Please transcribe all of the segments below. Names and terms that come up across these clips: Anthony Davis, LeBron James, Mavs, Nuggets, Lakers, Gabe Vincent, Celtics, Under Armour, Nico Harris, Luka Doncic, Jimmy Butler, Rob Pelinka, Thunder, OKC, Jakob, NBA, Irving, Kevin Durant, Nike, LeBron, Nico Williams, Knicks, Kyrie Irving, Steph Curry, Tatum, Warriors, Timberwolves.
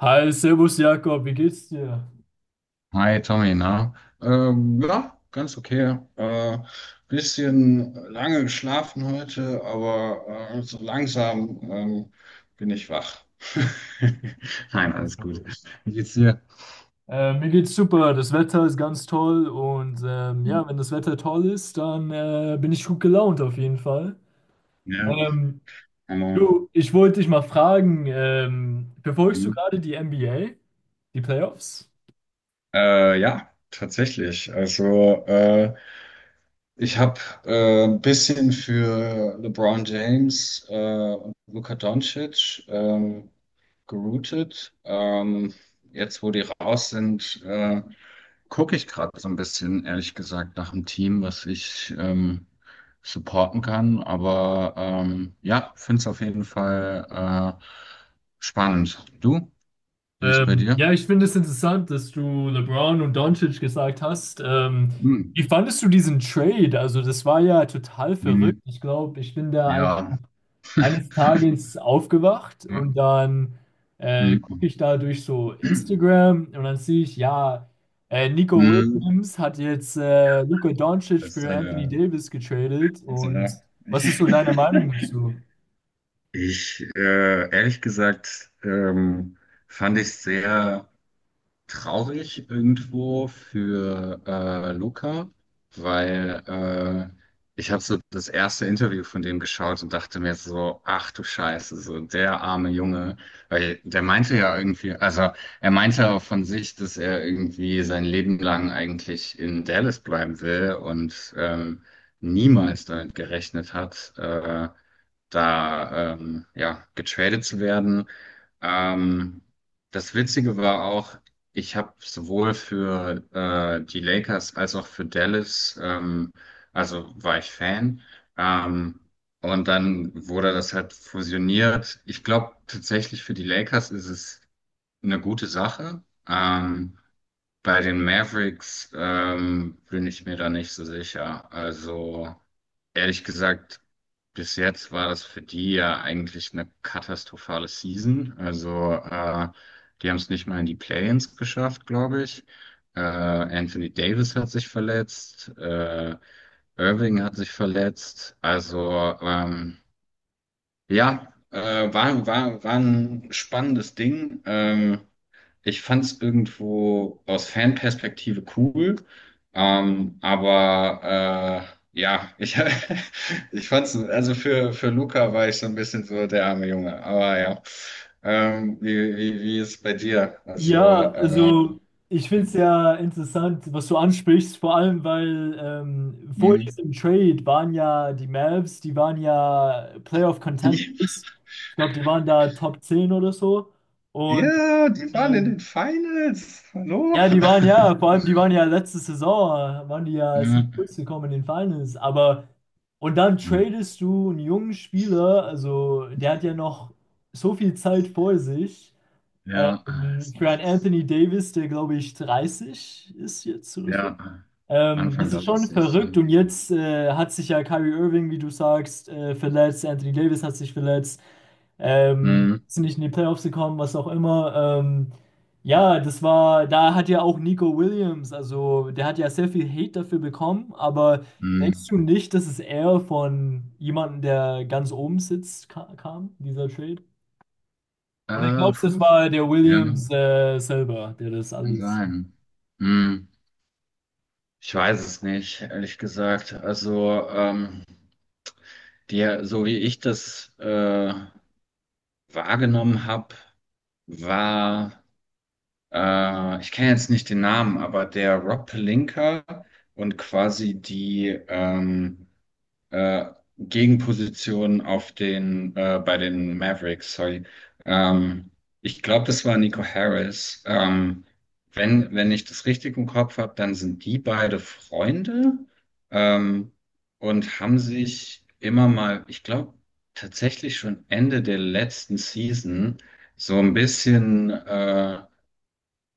Hi, Servus Jakob, wie geht's dir? Hi Tommy, na? Ja, ganz okay. Bisschen lange geschlafen heute, aber so langsam bin ich wach. Das Nein, ist alles schon gut. gut. Wie geht's dir? Mir geht's super, das Wetter ist ganz toll und ja, wenn das Wetter toll ist, dann bin ich gut gelaunt auf jeden Fall. Ja, Ähm, aber, Du, ich wollte dich mal fragen, verfolgst du hm. gerade die NBA, die Playoffs? Ja, tatsächlich. Also ich habe ein bisschen für LeBron James und Luka Doncic geroutet. Jetzt, wo die raus sind, gucke ich gerade so ein bisschen, ehrlich gesagt, nach einem Team, was ich supporten kann. Aber ja, finde es auf jeden Fall spannend. Du, wie ist bei dir? Ja, ich finde es interessant, dass du LeBron und Doncic gesagt hast. Hm. Wie fandest du diesen Trade? Also, das war ja total verrückt. Hm. Ich glaube, ich bin da einfach Ja. eines Tages aufgewacht Ja. und dann gucke Hm. ich da durch so Instagram und dann sehe ich, ja, Nico Hm. Williams hat jetzt Luka Doncic Das, für Anthony äh, Davis getradet. Also, Und ja. was ist Ich, so deine Meinung dazu? ehrlich gesagt, fand ich sehr traurig irgendwo für Luca, weil ich habe so das erste Interview von dem geschaut und dachte mir so, ach du Scheiße, so der arme Junge, weil der meinte ja irgendwie, also er meinte auch von sich, dass er irgendwie sein Leben lang eigentlich in Dallas bleiben will und niemals damit gerechnet hat, da ja getradet zu werden. Ähm, das Witzige war auch, ich habe sowohl für die Lakers als auch für Dallas also war ich Fan. Ähm, und dann wurde das halt fusioniert. Ich glaube tatsächlich für die Lakers ist es eine gute Sache. Ähm, bei den Mavericks bin ich mir da nicht so sicher. Also ehrlich gesagt, bis jetzt war das für die ja eigentlich eine katastrophale Season. Also, die haben es nicht mal in die Play-ins geschafft, glaube ich. Anthony Davis hat sich verletzt, Irving hat sich verletzt. Also, ja, war ein spannendes Ding. Ich fand es irgendwo aus Fanperspektive cool, aber ja, ich fand es, also für Luca war ich so ein bisschen so der arme Junge, aber ja. Wie ist es bei dir? Also, Ja, äh, also ich finde es hm, ja interessant, was du ansprichst, vor allem weil vor hm. diesem Trade waren ja die Mavs, die waren ja Playoff die, Contenders. Ich glaube, die waren da Top 10 oder so. Und ja, die waren in ähm, den Finals. Hallo? ja, die waren ja, vor allem die waren ja letzte Saison, waren die ja, sind Ja, durchgekommen in den Finals. Aber und dann hm. tradest du einen jungen Spieler, also der hat ja noch so viel Zeit vor sich. Ja, es Für einen macht's. Anthony Davis, der glaube ich 30 ist jetzt oder so. Ja, Das Anfang ist schon 30. verrückt Ja. und jetzt hat sich ja Kyrie Irving, wie du sagst, verletzt. Anthony Davis hat sich verletzt. Hm, Sind nicht in die Playoffs gekommen, was auch immer. Hm. Ja, das war, da hat ja auch Nico Williams, also der hat ja sehr viel Hate dafür bekommen, aber denkst Hm. du nicht, dass es eher von jemandem, der ganz oben sitzt, ka kam, dieser Trade? Und ich glaube, das Puh, war der ja, Williams selber, der das kann alles. sein. Hm, ich weiß es nicht, ehrlich gesagt. Also, der, so wie ich das wahrgenommen habe, war, ich kenne jetzt nicht den Namen, aber der Rob Pelinka und quasi die äh, Gegenposition auf den, bei den Mavericks, sorry. Ähm, ich glaube, das war Nico Harris. Wenn ich das richtig im Kopf habe, dann sind die beide Freunde, ähm, und haben sich immer mal, ich glaube, tatsächlich schon Ende der letzten Season so ein bisschen,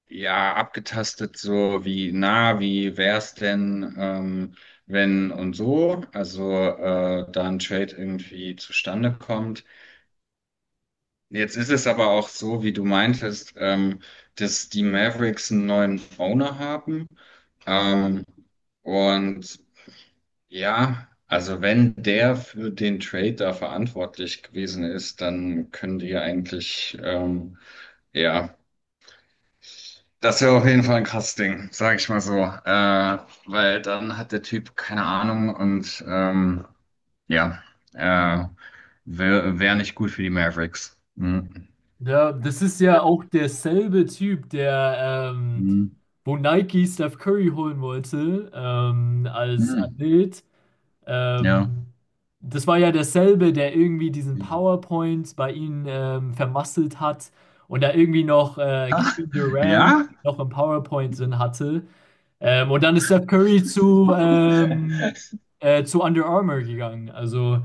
ja, abgetastet, so wie na, wie wär's denn, wenn und so, also da ein Trade irgendwie zustande kommt. Jetzt ist es aber auch so, wie du meintest, dass die Mavericks einen neuen Owner haben. Ähm, und ja, also wenn der für den Trade da verantwortlich gewesen ist, dann können die ja eigentlich ja. Das wäre auf jeden Fall ein krasses Ding, sag ich mal so. Weil dann hat der Typ keine Ahnung und ja, äh, wäre wär wär nicht gut für die Mavericks. Mhm. Ja, das ist ja auch derselbe Typ, der, Mhm. wo Nike Steph Curry holen wollte, als Mhm. Athlet. Ja. Ähm, Das war ja derselbe, der irgendwie diesen PowerPoint bei ihnen vermasselt hat und da irgendwie noch Ha, Kevin Durant ja? noch im PowerPoint drin hatte. Und dann ist Steph Curry zu Under Armour gegangen. Also,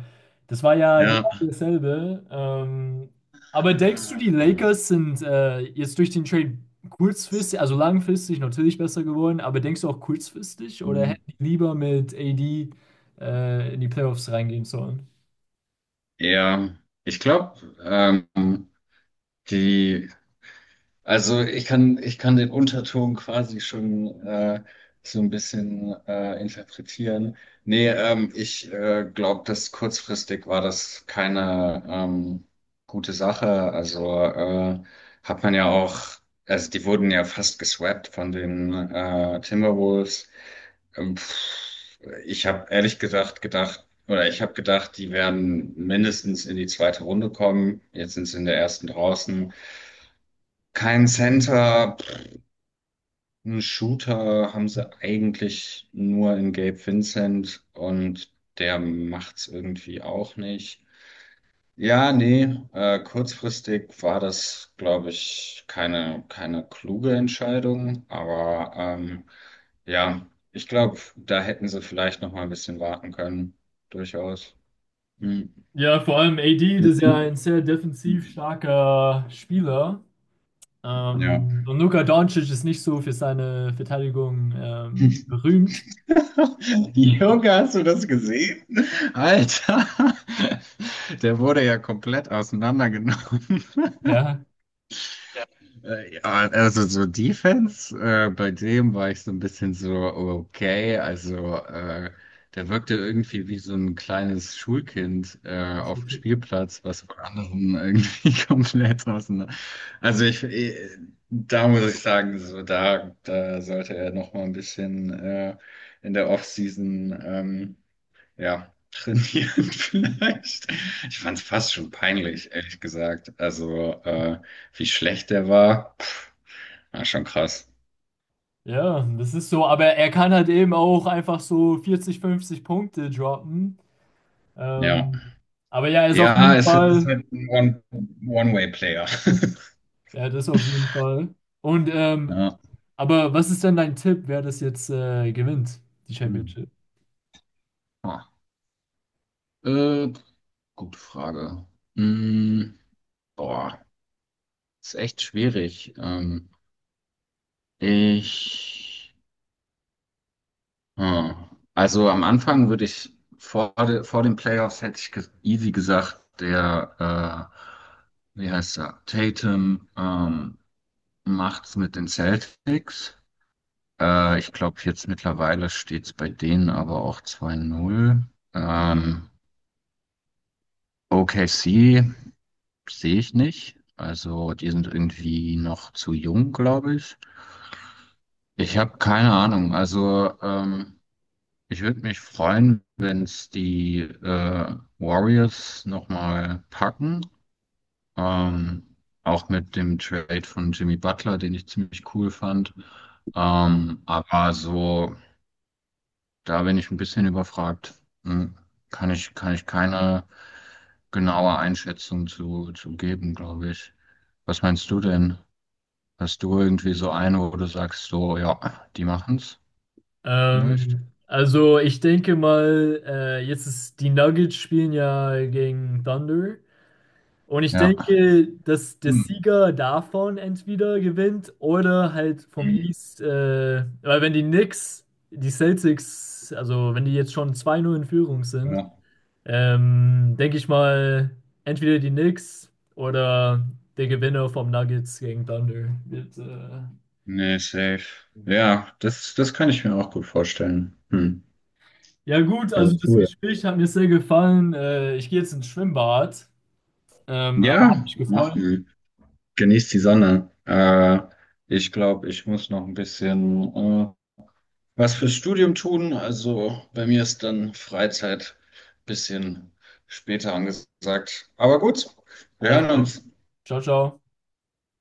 das war ja Ja. genau dasselbe. Aber denkst du, die Lakers sind jetzt durch den Trade kurzfristig, also langfristig natürlich besser geworden, aber denkst du auch kurzfristig oder hätten Mhm. die lieber mit AD in die Playoffs reingehen sollen? Ja. Ich glaube, die Also ich kann den Unterton quasi schon so ein bisschen interpretieren. Nee, ich glaube, dass kurzfristig war das keine gute Sache. Also hat man ja auch, also die wurden ja fast geswappt von den Timberwolves. Pff, ich habe ehrlich gesagt gedacht, oder ich habe gedacht, die werden mindestens in die zweite Runde kommen. Jetzt sind sie in der ersten draußen. Kein Center. Einen Shooter haben sie eigentlich nur in Gabe Vincent, und der macht's irgendwie auch nicht. Ja, nee, kurzfristig war das, glaube ich, keine kluge Entscheidung, aber ja, ich glaube, da hätten sie vielleicht noch mal ein bisschen warten können, durchaus. Hm. Ja, vor allem AD, das ist ja ein sehr defensiv Mhm. starker Spieler. Ja. Und Luka Doncic ist nicht so für seine Verteidigung berühmt. Junge, hast du das gesehen? Alter, der wurde ja komplett auseinandergenommen. Ja. Ja, also so Defense, bei dem war ich so ein bisschen so, okay, also der wirkte irgendwie wie so ein kleines Schulkind auf dem Spielplatz, was von anderen irgendwie komplett auseinander. Also da muss ich sagen, so da sollte er noch mal ein bisschen in der Offseason. Ja, trainieren vielleicht. Ich fand es fast schon peinlich, ehrlich gesagt. Also, wie schlecht der war, pff, war schon krass. Ja, das ist so, aber er kann halt eben auch einfach so 40, 50 Punkte droppen. Ja. Ähm, aber ja, er ist auf Ja, jeden es ist Fall, halt ein One-Way-Player. ja, das auf jeden Fall. Und Ja. aber was ist denn dein Tipp, wer das jetzt gewinnt, die Hm. Championship? Ah. Äh, gute Frage. Hm, boah, ist echt schwierig. Ich. Hm. Also am Anfang würde ich vor den Playoffs hätte ich easy gesagt, wie heißt er, Tatum macht's mit den Celtics. Ich glaube, jetzt mittlerweile steht's bei denen aber auch 2:0. Ähm, OKC sehe ich nicht. Also die sind irgendwie noch zu jung, glaube ich. Ich habe keine Ahnung. Also ich würde mich freuen, wenn es die Warriors nochmal packen. Ähm, auch mit dem Trade von Jimmy Butler, den ich ziemlich cool fand. Aber so, da bin ich ein bisschen überfragt. Hm, kann ich keine genaue Einschätzung zu geben, glaube ich. Was meinst du denn? Hast du irgendwie so eine, wo du sagst, so, ja, die machen's vielleicht? Also ich denke mal, jetzt ist die Nuggets spielen ja gegen Thunder. Und ich Ja. denke, dass der Hm. Sieger davon entweder gewinnt oder halt vom Mhm. East, weil wenn die Knicks, die Celtics, also wenn die jetzt schon 2-0 in Führung sind, Ja. Denke ich mal, entweder die Knicks oder der Gewinner vom Nuggets gegen Thunder wird. Nee, safe. Ja, das kann ich mir auch gut vorstellen. Hm. Ja gut, Ja, also das cool. Gespräch hat mir sehr gefallen. Ich gehe jetzt ins Schwimmbad, aber hat Ja, mich gefreut. machen. Genießt die Sonne. Ich glaube, ich muss noch ein bisschen was fürs Studium tun. Also bei mir ist dann Freizeit ein bisschen später angesagt. Aber gut, wir hören Also, uns. ciao, ciao.